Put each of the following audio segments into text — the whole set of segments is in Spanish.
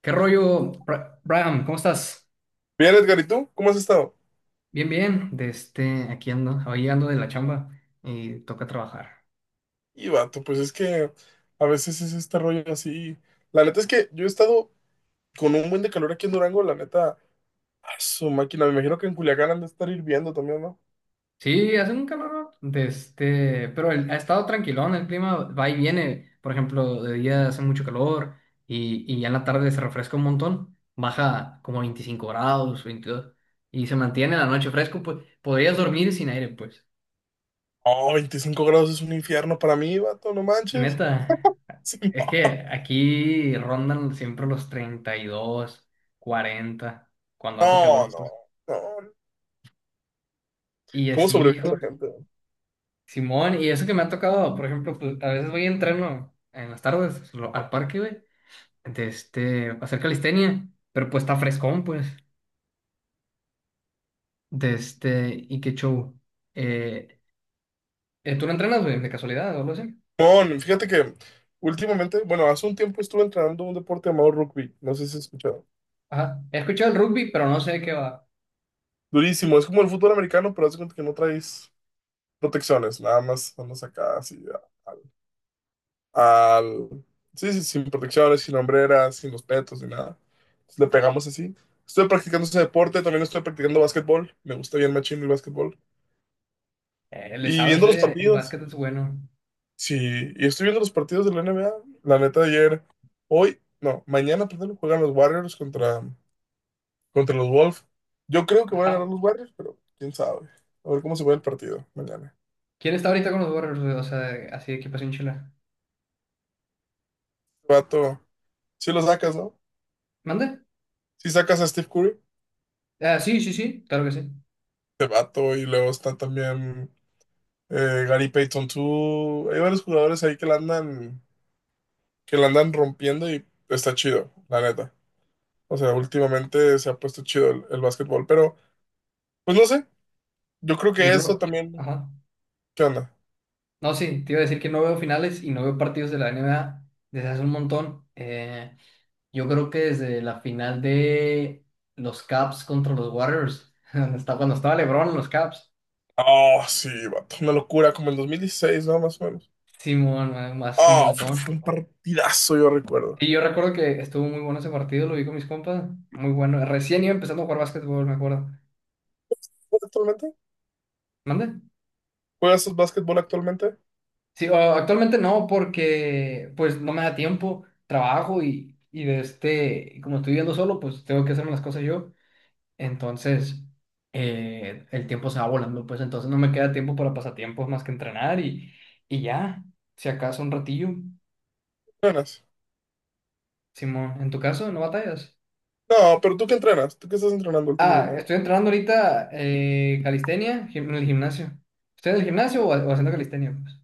¿Qué rollo, Bram? ¿Cómo estás? Bien, Edgar, ¿y tú? ¿Cómo has estado? Bien, bien. Aquí ando, hoy ando de la chamba y toca trabajar. Y vato, pues es que a veces es este rollo así. La neta es que yo he estado con un buen de calor aquí en Durango, la neta, a su máquina. Me imagino que en Culiacán han de estar hirviendo también, ¿no? Sí, hace un calor, pero ha estado tranquilón, el clima va y viene. Por ejemplo, de día hace mucho calor y ya en la tarde se refresca un montón, baja como 25 grados, 22, y se mantiene la noche fresco, pues podrías dormir sin aire, pues. Oh, 25 grados es un infierno para mí, vato, no manches. Neta. Sí, Es que aquí rondan siempre los 32, 40 cuando hace no, calor, no, pues. no, no. Y ¿Cómo así, sobrevive viejo. la gente? Simón, y eso que me ha tocado, por ejemplo, pues a veces voy a entreno en las tardes al parque, güey, a hacer calistenia, pero pues está frescón, pues, y qué show. Eh, ¿Tú no entrenas, güey, de casualidad o algo así? No, fíjate que últimamente, bueno, hace un tiempo estuve entrenando un deporte llamado rugby, no sé si has escuchado. Ajá, he escuchado el rugby, pero no sé de qué va. Durísimo, es como el fútbol americano, pero haz de cuenta que no traes protecciones, nada más andas acá así al... Sí, sí, sin protecciones, sin hombreras, sin los petos, ni nada. Entonces, le pegamos así. Estoy practicando ese deporte, también estoy practicando básquetbol. Me gusta bien machín el básquetbol. Le Y sabes, viendo los el partidos. básquet es bueno. Sí, y estoy viendo los partidos de la N B A. La neta, ayer, hoy, no, mañana, perdón, juegan los Warriors contra los Wolves. Yo creo que van a ganar Ajá. los Warriors, pero quién sabe. A ver cómo se va el partido mañana. ¿Quién está ahorita con los Warriors, güey? O sea, así de equipación chila. Vato, si lo sacas, ¿no? ¿Mande? Si sacas a Steve Curry, Ah, sí, sí, sí, claro que sí. este vato, y luego está también Gary Payton 2. Hay varios jugadores ahí que la andan rompiendo y está chido, la neta. O sea, últimamente se ha puesto chido el básquetbol, pero pues no sé, yo creo que Yo no eso lo. también, Ajá. ¿qué onda? No, sí, te iba a decir que no veo finales y no veo partidos de la NBA desde hace un montón. Yo creo que desde la final de los Caps contra los Warriors, cuando estaba LeBron en los Caps. Oh, sí, vato, una locura, como el 2016, ¿no? Más o menos. Simón, más un Ah, fue un montón. partidazo, yo recuerdo. Y yo recuerdo que estuvo muy bueno ese partido, lo vi con mis compas. Muy bueno. Recién iba empezando a jugar básquetbol, me acuerdo. ¿Juegas actualmente? ¿Mande? ¿Juegas básquetbol actualmente? Sí, actualmente no, porque pues no me da tiempo, trabajo y como estoy viviendo solo, pues tengo que hacerme las cosas yo. Entonces, el tiempo se va volando, pues entonces no me queda tiempo para pasatiempos más que entrenar y, y ya, si acaso un ratillo. ¿Entrenas? Simón, ¿en tu caso no batallas? No, pero tú qué entrenas, tú qué estás entrenando Ah, últimamente. estoy entrenando ahorita, calistenia, en el gimnasio. ¿Estoy en el gimnasio o haciendo calistenia, pues?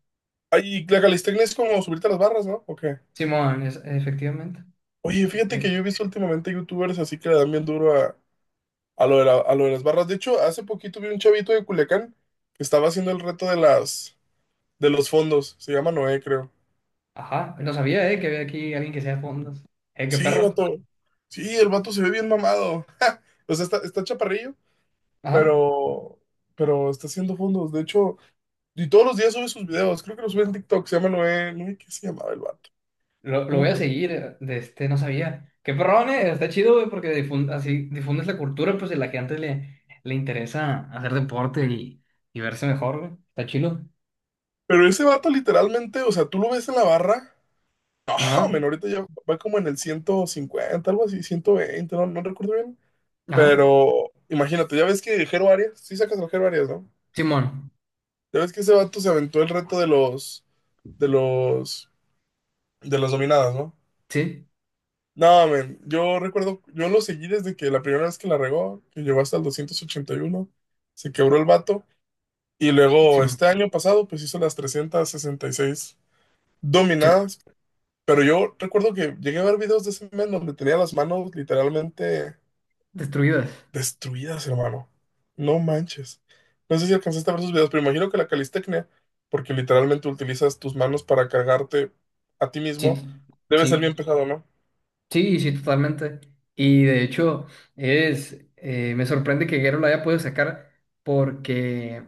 Ay, la calistenia es como subirte a las barras, ¿no? ¿O qué? Simón, efectivamente. Oye, fíjate que Eh, yo he visto últimamente youtubers así que le dan bien duro a lo a lo de las barras. De hecho, hace poquito vi un chavito de Culiacán que estaba haciendo el reto de los fondos. Se llama Noé, creo. Ajá, no sabía, que había aquí alguien que sea fondos. Qué Sí, perro. vato. Sí, el vato se ve bien mamado. O sea, está chaparrillo, Ajá, pero, pero está haciendo fondos. De hecho, y todos los días sube sus videos. Creo que los sube en TikTok. Se llama Noé. Noé, ¿qué se llamaba el vato? lo, No lo me voy a acuerdo. seguir, no sabía. Qué perrón, está chido, güey, porque así difundes la cultura, pues, de la que antes le interesa hacer deporte y verse mejor, güey. Está chido. Pero ese vato literalmente, o sea, tú lo ves en la barra. No, Ajá, men, ahorita ya va como en el 150 algo así, 120, no, no recuerdo bien. ajá. Pero imagínate, ya ves que Jero Arias, sí sacas al Jero Arias, ¿no? Simón, Ya ves que ese vato se aventó el reto de los, de las dominadas, ¿no? sí, No, men, yo recuerdo, yo lo seguí desde que la primera vez que la regó, que llegó hasta el 281, se quebró el vato. Y luego Simón, este año pasado, pues hizo las 366 Simón. dominadas. Pero yo recuerdo que llegué a ver videos de ese men donde tenía las manos literalmente Destruidas. destruidas, hermano. No manches. No sé si alcanzaste a ver sus videos, pero imagino que la calistecnia, porque literalmente utilizas tus manos para cargarte a ti Sí, mismo, debe ser sí, bien pesado, ¿no? sí, sí, totalmente. Y de hecho, me sorprende que Guerrero lo haya podido sacar, porque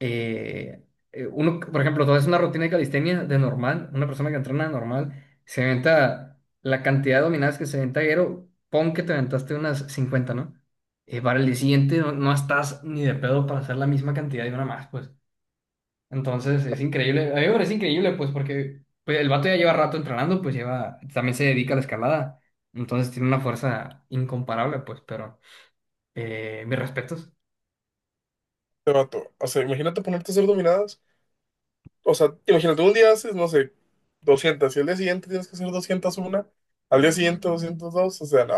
eh, uno, por ejemplo, tú haces una rutina de calistenia de normal, una persona que entrena normal, se aventa la cantidad de dominadas que se aventa Guero. Pon que te aventaste unas 50, ¿no? Para el día siguiente no estás ni de pedo para hacer la misma cantidad de una más, pues. Entonces es increíble, a mí me parece increíble, pues, porque pues el vato ya lleva rato entrenando, pues lleva, también se dedica a la escalada, entonces tiene una fuerza incomparable, pues, pero mis respetos. Te vato. O sea, imagínate ponerte a hacer dominadas. O sea, imagínate, un día haces, no sé, 200 y al día siguiente tienes que hacer 201, al día siguiente 202. O sea, no,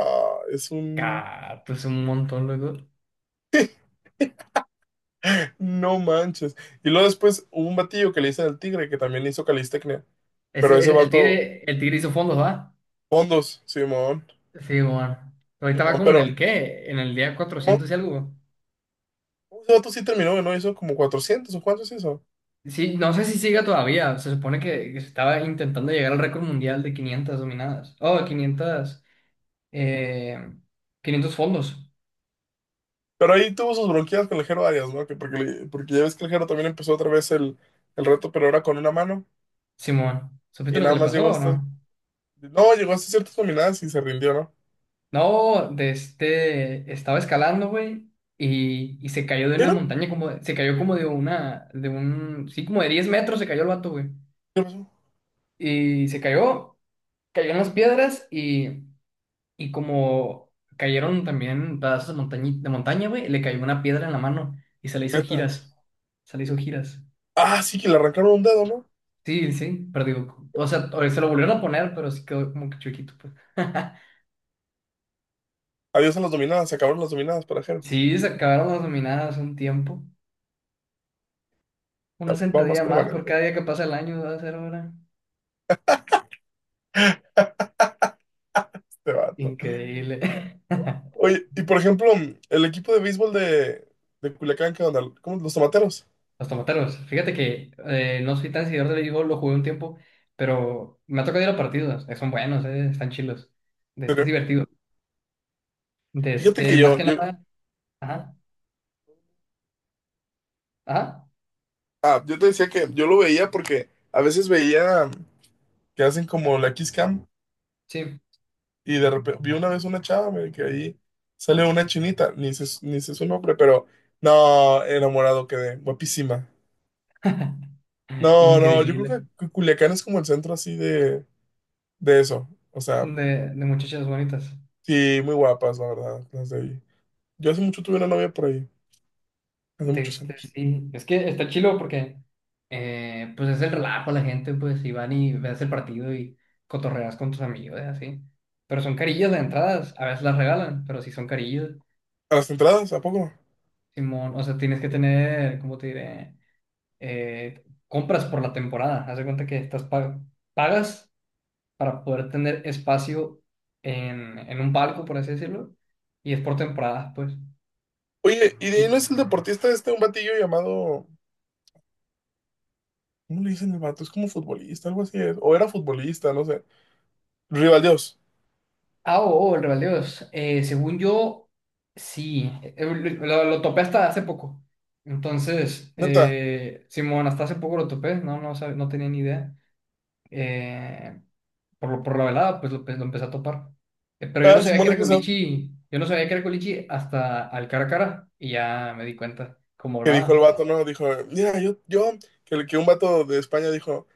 es un... Ah, pues un montón, loco. No manches. Y luego después hubo un batillo que le hice al tigre que también hizo calistecnia, pero Ese- ese el, el vato, tigre, el tigre hizo fondos, ¿va? fondos, Simón, Sí, bueno. Ahorita va Simón, como en pero... el día 400 y algo. Ese vato sí terminó, ¿no? Hizo como 400 o cuántos hizo. Sí, no sé si siga todavía. Se supone que se estaba intentando llegar al récord mundial de 500 dominadas. Oh, 500, eh, 500 fondos, Pero ahí tuvo sus bronquias con el Jero Arias, ¿no? Que porque, porque ya ves que el Jero también empezó otra vez el reto, pero ahora con una mano. Simón. ¿Supiste Y lo que nada le más pasó llegó o hasta. no? No, llegó hasta ciertas dominadas y se rindió, ¿no? No, estaba escalando, güey, y se cayó de una Pero, montaña, se cayó como de una, de un, sí, como de 10 metros se cayó el vato, güey. ¿qué pasó? Y se cayó. Cayó en las piedras y como cayeron también pedazos de de montaña, güey, le cayó una piedra en la mano y se le hizo Neta. giras. Se le hizo giras. Ah, sí, que le arrancaron un dedo, ¿no? Sí, sí, pero digo, o sea, se lo volvieron a poner, pero sí quedó como que chiquito, pues. Adiós a las dominadas, se acabaron las dominadas para Jero. Sí, se acabaron las dominadas un tiempo. Una Ya va más sentadilla más por permanente cada día que pasa el año, va a ser ahora. este vato. Increíble. Oye, y por ejemplo, el equipo de béisbol de Culiacán, ¿qué onda? ¿Cómo? Los tomateros. Los tomateros. Fíjate que, no soy tan seguidor del béisbol, lo jugué un tiempo, pero me ha tocado ir a partidos. Eh, son buenos, están chilos. De ¿En este Es serio? divertido. Fíjate que Más que yo. nada. Ajá. Ajá, ajá, Ah, yo te decía que yo lo veía porque a veces veía que hacen como la Kiss Cam sí. y de repente vi una vez una chava güey, que ahí sale una chinita, ni sé, ni sé su nombre, pero no, enamorado quedé, guapísima. No, no, yo creo Increíble. que Culiacán es como el centro así de eso. O sea, De muchachas bonitas. sí, muy guapas, la verdad, las de ahí. Yo hace mucho tuve una novia por ahí, hace muchos años. Sí. Es que está chilo porque, pues es el relajo la gente, pues, y van y ves el partido y cotorreas con tus amigos, así. Pero son carillas de entradas, a veces las regalan, pero sí son carillas. A las entradas, ¿a poco? ¿No? Simón, o sea, tienes que tener, ¿cómo te diré? Compras por la temporada. Haz de cuenta que estás pagas para poder tener espacio en, un barco, por así decirlo, y es por temporada, pues. Oye, ¿y de Y- ahí no es el deportista este, un batillo llamado... ¿Cómo le dicen al vato? Es como futbolista, algo así es. O era futbolista, no sé. Rivaldios, Ah, oh, oh, el Real de. Según yo, sí. Lo topé hasta hace poco. Entonces, Dios, neta. Simón, hasta hace poco lo topé, no tenía ni idea. eh, por la velada, pues lo empecé a topar. Pero yo no Ah, sabía que Simón, es era que culichi, yo no sabía que era culichi hasta al cara a cara, y ya me di cuenta como que dijo el hablaba. vato, ¿no? Dijo, mira, que, un vato de España dijo,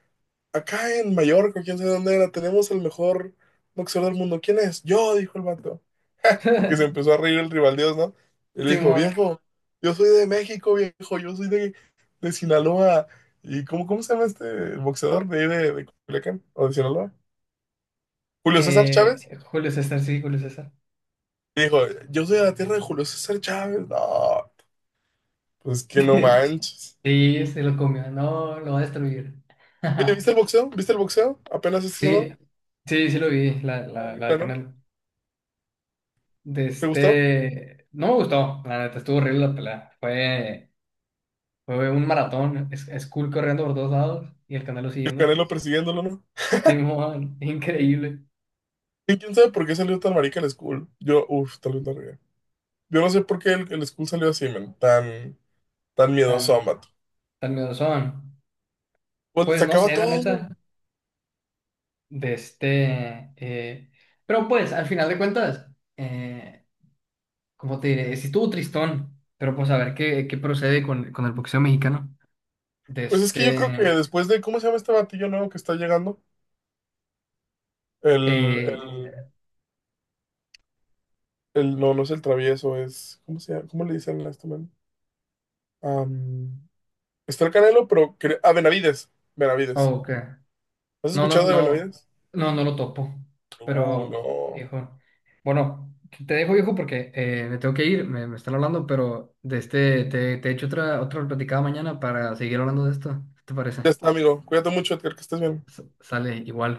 acá en Mallorca, quién sabe dónde era, tenemos el mejor boxeador del mundo. ¿Quién es? Yo, dijo el vato. Y que se empezó a reír el rivaldios, ¿no? Y le dijo, Simón, viejo, yo soy de México, viejo, yo soy de Sinaloa. ¿Y cómo se llama este boxeador de ahí de Culiacán? ¿O de Sinaloa? Julio César Chávez. Julio César, sí, Julio César. Y dijo, yo soy de la tierra de Julio César Chávez. No, pues que no manches. Sí, se lo comió, no, lo va a destruir. Oye, ¿viste el boxeo? ¿Viste el boxeo? Apenas este Sí, sábado. sí, sí lo vi, la del Horrible, ¿no? canal. ¿Te gustó? No me gustó, la neta, estuvo horrible la pelea. Fue un maratón, es cool corriendo por todos lados y el canal El siguiéndolo. Canelo persiguiéndolo, ¿no? Simón, increíble, Y quién sabe por qué salió tan marica el Skull. Yo, uff, tal vez no ría. Yo no sé por qué el Skull salió así, man. Tan, tan miedoso a tan, Mato. tan miedosón. Pues le Pues no sacaba sé, la todo, neta, man. de este... eh, pero pues, al final de cuentas, eh, como te diré, sí estuvo tristón, pero pues a ver qué procede con el boxeo mexicano. De Pues es que yo creo que este... después de, ¿cómo se llama este batillo nuevo que está llegando? El, Eh, el, no, no es el travieso, es, ¿cómo se llama? ¿Cómo le dicen a este man? Am, está el Canelo, pero... cre- Ah, Benavides. oh, Benavides. ok. ¿Has No, no, escuchado de no, Benavides? no, no lo topo. Pero, No. viejo, bueno, te dejo, viejo, porque me tengo que ir, me están hablando, pero te echo otra platicada mañana para seguir hablando de esto. ¿Qué te Ya parece? está, amigo. Cuídate mucho, Edgar, que estés bien. Sale igual.